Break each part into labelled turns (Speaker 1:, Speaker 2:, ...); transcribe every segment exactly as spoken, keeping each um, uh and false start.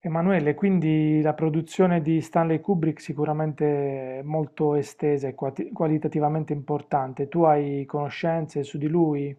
Speaker 1: Emanuele, quindi la produzione di Stanley Kubrick sicuramente molto estesa e quati- qualitativamente importante. Tu hai conoscenze su di lui?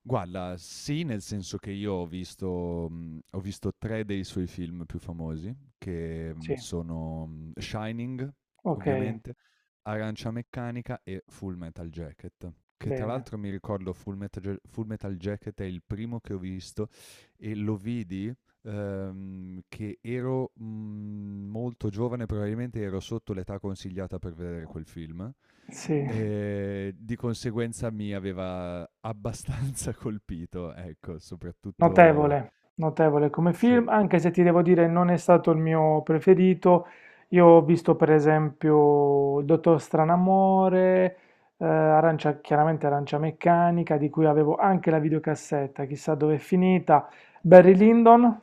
Speaker 2: Guarda, sì, nel senso che io ho visto mhmm, ho visto tre dei suoi film più famosi, che, mhmm,
Speaker 1: Sì,
Speaker 2: sono, mhmm, Shining,
Speaker 1: ok,
Speaker 2: ovviamente, Arancia Meccanica e Full Metal Jacket, che tra
Speaker 1: bene.
Speaker 2: l'altro mi ricordo Full Metal Ja Full Metal Jacket è il primo che ho visto e lo vidi, ehm, che ero, mhmm, molto giovane, probabilmente ero sotto l'età consigliata per vedere quel film.
Speaker 1: Sì,
Speaker 2: Ehm, di conseguenza mi aveva abbastanza colpito, ecco, soprattutto
Speaker 1: notevole, notevole come
Speaker 2: sì,
Speaker 1: film, anche se ti devo dire non è stato il mio preferito. Io ho visto per esempio Il Dottor Stranamore, eh, Arancia, chiaramente Arancia Meccanica, di cui avevo anche la videocassetta, chissà dove è finita. Barry Lyndon.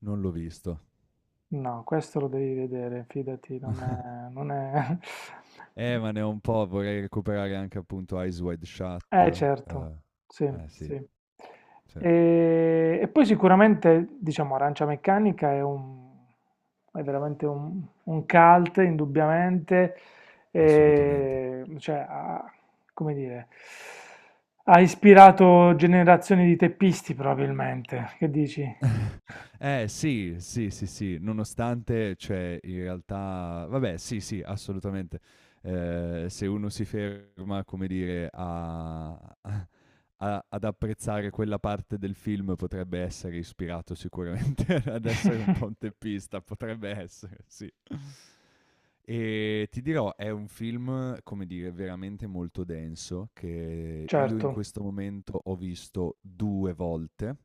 Speaker 2: non l'ho visto.
Speaker 1: No, questo lo devi vedere, fidati, non è non è
Speaker 2: Eh, ma ne ho un po', vorrei recuperare anche appunto Eyes Wide Shut,
Speaker 1: eh certo,
Speaker 2: uhm,
Speaker 1: sì,
Speaker 2: eh sì,
Speaker 1: sì.
Speaker 2: sì,
Speaker 1: Ehm, e poi sicuramente, diciamo, Arancia Meccanica è un, è veramente un un cult indubbiamente,
Speaker 2: assolutamente.
Speaker 1: ehm, cioè ha, come dire, ha ispirato generazioni di teppisti probabilmente, che dici?
Speaker 2: Eh sì, sì, sì, sì, nonostante cioè in realtà vabbè sì, sì, assolutamente. Ehm, se uno si ferma, come dire, a a- ad apprezzare quella parte del film potrebbe essere ispirato sicuramente ad essere un ponteppista, potrebbe essere, sì. E ti dirò, è un film, come dire, veramente molto denso, che io in
Speaker 1: Certo,
Speaker 2: questo momento ho visto due volte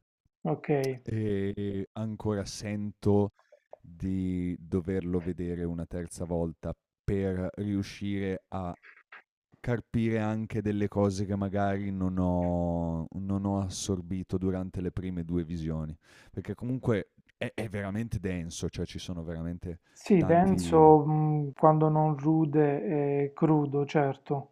Speaker 1: okay.
Speaker 2: e ancora sento di doverlo vedere una terza volta per riuscire a carpire anche delle cose che magari non ho non ho assorbito durante le prime due visioni, perché comunque è è veramente denso, cioè ci sono veramente
Speaker 1: Sì,
Speaker 2: tanti.
Speaker 1: denso, mh, quando non rude e crudo, certo,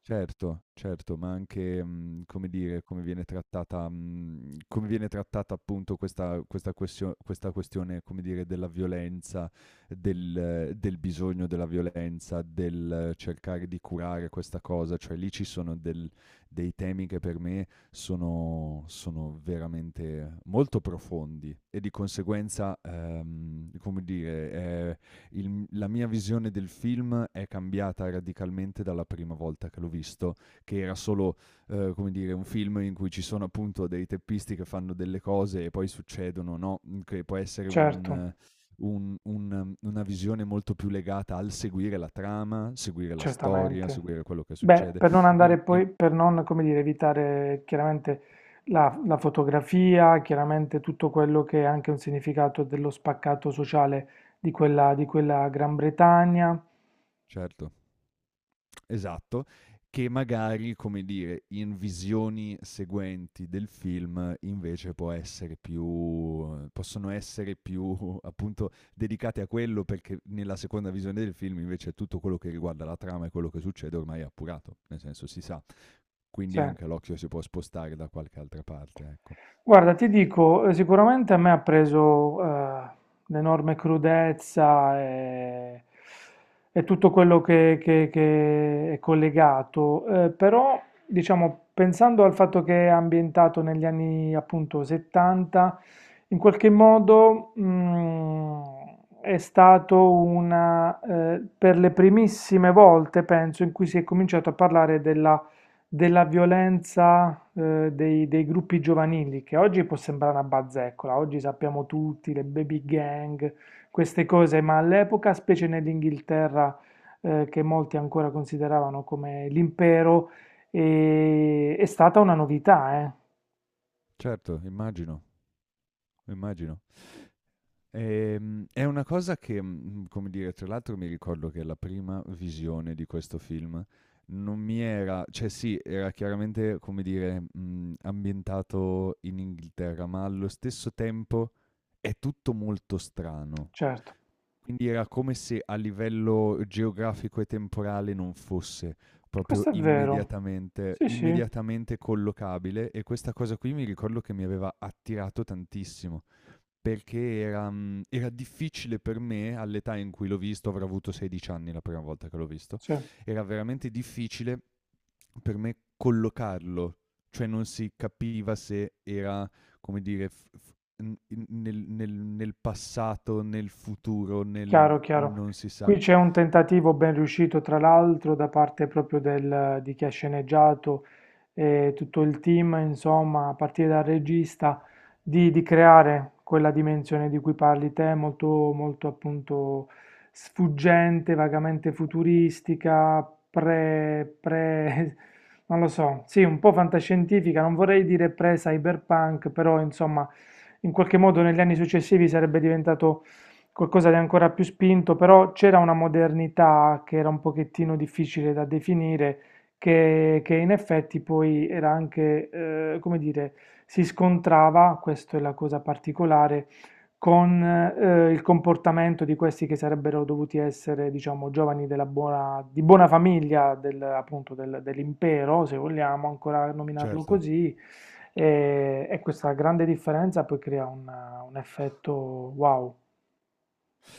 Speaker 2: Certo, certo, ma anche, mhmm, come dire, come viene trattata mhmm, come viene trattata appunto questa questa questio questa questione, come dire, della violenza, del del bisogno della violenza, del cercare di curare questa cosa, cioè lì ci sono del dei temi che per me sono sono veramente molto profondi e di conseguenza, ehm, come dire, il- la mia visione del film è cambiata radicalmente dalla prima volta che l'ho visto, che era solo, eh, come dire, un film in cui ci sono appunto dei teppisti che fanno delle cose e poi succedono, no? Mm, Che può essere un,
Speaker 1: certo,
Speaker 2: eh, un- un, eh, una visione molto più legata al seguire la trama, seguire la storia,
Speaker 1: certamente.
Speaker 2: seguire quello che
Speaker 1: Beh,
Speaker 2: succede.
Speaker 1: per non
Speaker 2: E-
Speaker 1: andare
Speaker 2: e-
Speaker 1: poi, per non, come dire, evitare chiaramente la, la fotografia, chiaramente tutto quello che è anche un significato dello spaccato sociale di quella, di quella Gran Bretagna.
Speaker 2: certo. Esatto, che magari, come dire, in visioni seguenti del film invece può essere più possono essere più appunto dedicate a quello perché nella seconda visione del film invece tutto quello che riguarda la trama e quello che succede ormai è appurato, nel senso si sa.
Speaker 1: Sì.
Speaker 2: Quindi anche l'occhio si può spostare da qualche altra parte, ecco.
Speaker 1: Guarda, ti dico, eh, sicuramente a me ha preso, eh, l'enorme crudezza e, e tutto quello che, che- che è collegato, eh, però diciamo, pensando al fatto che è ambientato negli anni appunto settanta, in qualche modo mm, è stato una, eh, per le primissime volte, penso, in cui si è cominciato a parlare della violenza eh, dei, dei gruppi giovanili, che oggi può sembrare una bazzeccola, oggi sappiamo tutti, le baby gang, queste cose, ma all'epoca, specie nell'Inghilterra, eh, che molti ancora consideravano come l'impero, eh, è stata una novità, eh?
Speaker 2: Certo, immagino, immagino. Ehm, è una cosa che, mhmm, come dire, tra l'altro mi ricordo che la prima visione di questo film non mi era cioè sì, era chiaramente, come dire, mhmm, ambientato in Inghilterra, ma allo stesso tempo è tutto molto strano.
Speaker 1: Certo,
Speaker 2: Quindi era come se a livello geografico e temporale non fosse proprio
Speaker 1: questo è vero.
Speaker 2: immediatamente
Speaker 1: Sì, sì,
Speaker 2: immediatamente collocabile e questa cosa qui mi ricordo che mi aveva attirato tantissimo. Perché era, mhmm, era difficile per me, all'età in cui l'ho visto, avrò avuto sedici anni la prima volta che l'ho visto,
Speaker 1: sì.
Speaker 2: era veramente difficile per me collocarlo, cioè non si capiva se era, come dire, f f n in nel nel nel passato, nel futuro, nel
Speaker 1: Chiaro, chiaro.
Speaker 2: non si sa.
Speaker 1: Qui c'è un tentativo ben riuscito, tra l'altro, da parte proprio del- di chi ha sceneggiato e tutto il team, insomma, a partire dal regista, di, di creare quella dimensione di cui parli te, molto, molto appunto sfuggente, vagamente futuristica, pre, pre, non lo so, sì, un po' fantascientifica, non vorrei dire pre-cyberpunk, però insomma, in qualche modo negli anni successivi sarebbe diventato qualcosa di ancora più spinto, però c'era una modernità che era un pochettino difficile da definire, che, che in effetti poi era anche, eh, come dire, si scontrava, questa è la cosa particolare, con eh, il comportamento di questi che sarebbero dovuti essere, diciamo, giovani della buona, di buona famiglia, del- appunto del- dell'impero, se vogliamo ancora nominarlo
Speaker 2: Certo.
Speaker 1: così, e, e questa grande differenza poi crea un, un effetto wow.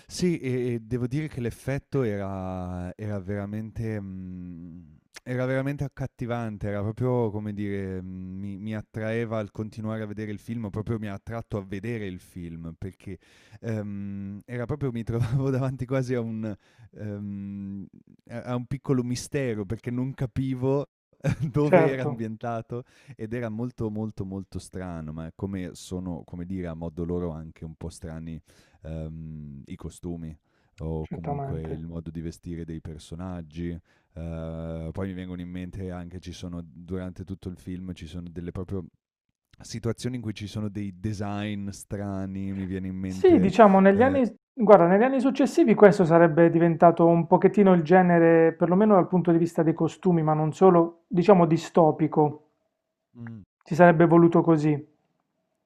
Speaker 2: Sì, e e devo dire che l'effetto era era veramente mhmm, era veramente accattivante, era proprio come dire, mhmm, mi mi attraeva al continuare a vedere il film, proprio mi ha attratto a vedere il film, perché, ehm, era proprio mi trovavo davanti quasi a un ehm, a a un piccolo mistero, perché non capivo dove era
Speaker 1: Certo,
Speaker 2: ambientato ed era molto, molto, molto strano, ma come sono, come dire, a modo loro anche un po' strani ehm, i costumi o comunque
Speaker 1: certamente.
Speaker 2: il modo di vestire dei personaggi. Eh, poi mi vengono in mente anche, ci sono, durante tutto il film, ci sono delle proprio situazioni in cui ci sono dei design strani, mi viene in
Speaker 1: Sì,
Speaker 2: mente.
Speaker 1: diciamo negli
Speaker 2: eh,
Speaker 1: anni, guarda, negli anni successivi questo sarebbe diventato un pochettino il genere, perlomeno dal punto di vista dei costumi, ma non solo, diciamo distopico.
Speaker 2: mm,
Speaker 1: Si sarebbe voluto così.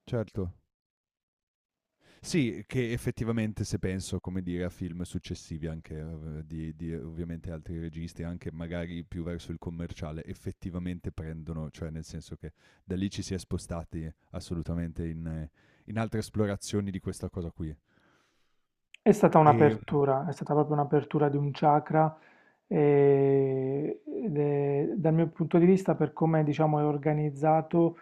Speaker 2: certo. Sì, che effettivamente se penso, come dire, a film successivi anche eh, di, di ovviamente altri registi, anche magari più verso il commerciale, effettivamente prendono, cioè nel senso che da lì ci si è spostati assolutamente in, eh, in altre esplorazioni di questa cosa qui.
Speaker 1: È stata
Speaker 2: E mm,
Speaker 1: un'apertura, è stata proprio un'apertura di un chakra e, ed è- dal mio punto di vista, per come diciamo è organizzato,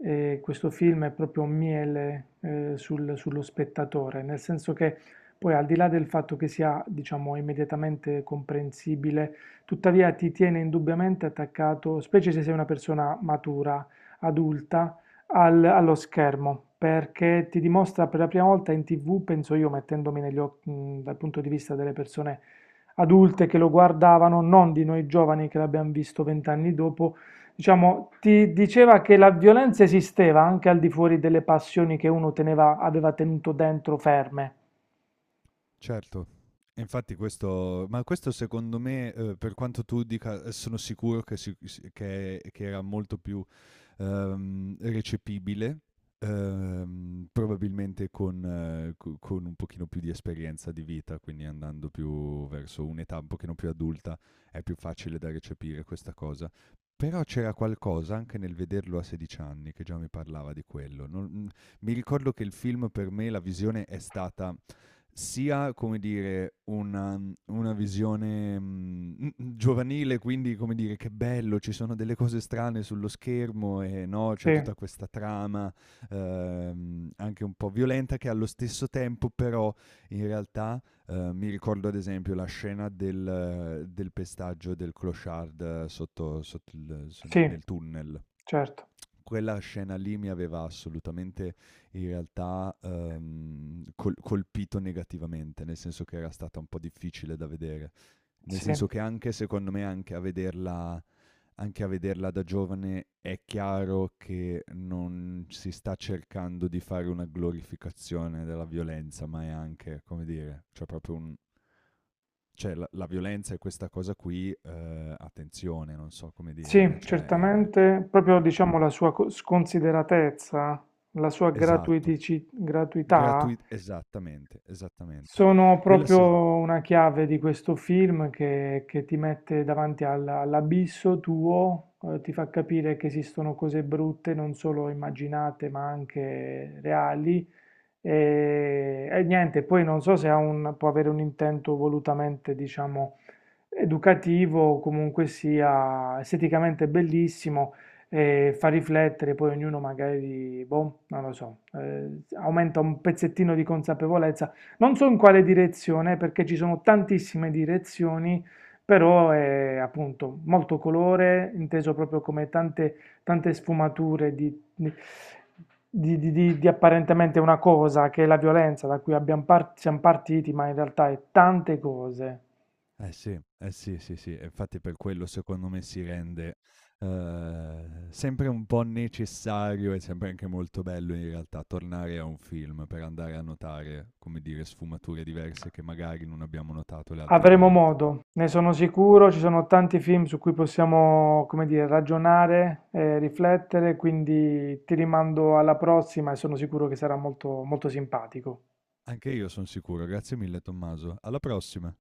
Speaker 1: e questo film è proprio un miele eh, sul- sullo spettatore, nel senso che poi al di là del fatto che sia, diciamo, immediatamente comprensibile, tuttavia ti tiene indubbiamente attaccato, specie se sei una persona matura, adulta, al- allo schermo, perché ti dimostra per la prima volta in tivù, penso io, mettendomi negli occhi, mh, dal punto di vista delle persone adulte che lo guardavano, non di noi giovani che l'abbiamo visto vent'anni dopo. Diciamo, ti diceva che la violenza esisteva anche al di fuori delle passioni che uno teneva, aveva tenuto dentro ferme.
Speaker 2: certo, e infatti questo, ma questo secondo me, eh, per quanto tu dica, eh, sono sicuro che, si- si- che- che era molto più ehm, recepibile, ehm, probabilmente con, eh, co- con un pochino più di esperienza di vita, quindi andando più verso un'età un pochino più adulta, è più facile da recepire questa cosa. Però c'era qualcosa anche nel vederlo a sedici anni che già mi parlava di quello. Non- mi ricordo che il film per me, la visione è stata sia, come dire, una, una, visione mh, giovanile, quindi, come dire, che bello, ci sono delle cose strane sullo schermo e no,
Speaker 1: Sì,
Speaker 2: c'è tutta questa trama ehm, anche un po' violenta che allo stesso tempo però in realtà eh, mi ricordo ad esempio la scena del, del pestaggio del clochard eh, sotto, sotto il- s-
Speaker 1: sì,
Speaker 2: nel tunnel.
Speaker 1: certo.
Speaker 2: Quella scena lì mi aveva assolutamente in realtà ehm, col- colpito negativamente, nel senso che era stata un po' difficile da vedere, nel
Speaker 1: Sì,
Speaker 2: senso che anche secondo me anche a vederla anche a vederla da giovane è chiaro che non si sta cercando di fare una glorificazione della violenza, ma è anche, come dire, cioè proprio un, cioè la, la violenza è questa cosa qui, eh, attenzione, non so come dire,
Speaker 1: sì,
Speaker 2: cioè è-
Speaker 1: certamente. Proprio diciamo la sua co- sconsideratezza, la sua
Speaker 2: esatto.
Speaker 1: gratuitici- gratuità
Speaker 2: Gratui Esattamente, esattamente.
Speaker 1: sono
Speaker 2: Quella
Speaker 1: proprio
Speaker 2: sì.
Speaker 1: una chiave di questo film che, che ti mette davanti al- all'abisso tuo, eh, ti fa capire che esistono cose brutte, non solo immaginate, ma anche reali. E, e niente, poi non so se ha un- può avere un intento volutamente, diciamo, educativo, comunque sia esteticamente bellissimo e fa riflettere, poi ognuno magari, boh, non lo so, eh, aumenta un pezzettino di consapevolezza. Non so in quale direzione, perché ci sono tantissime direzioni, però è appunto molto colore, inteso proprio come tante, tante sfumature di di, di- di- di- di apparentemente una cosa, che è la violenza da cui abbiamo par- siamo partiti, ma in realtà è tante cose.
Speaker 2: Eh sì, eh sì, sì, sì, e infatti per quello secondo me si rende, ehm, sempre un po' necessario e sempre anche molto bello in realtà tornare a un film per andare a notare, come dire, sfumature diverse che magari non abbiamo notato le altre
Speaker 1: Avremo
Speaker 2: volte.
Speaker 1: modo, ne sono sicuro, ci sono tanti film su cui possiamo, come dire, ragionare, eh, riflettere, quindi ti rimando alla prossima e sono sicuro che sarà molto, molto simpatico.
Speaker 2: Anche io son sicuro, grazie mille Tommaso. Alla prossima.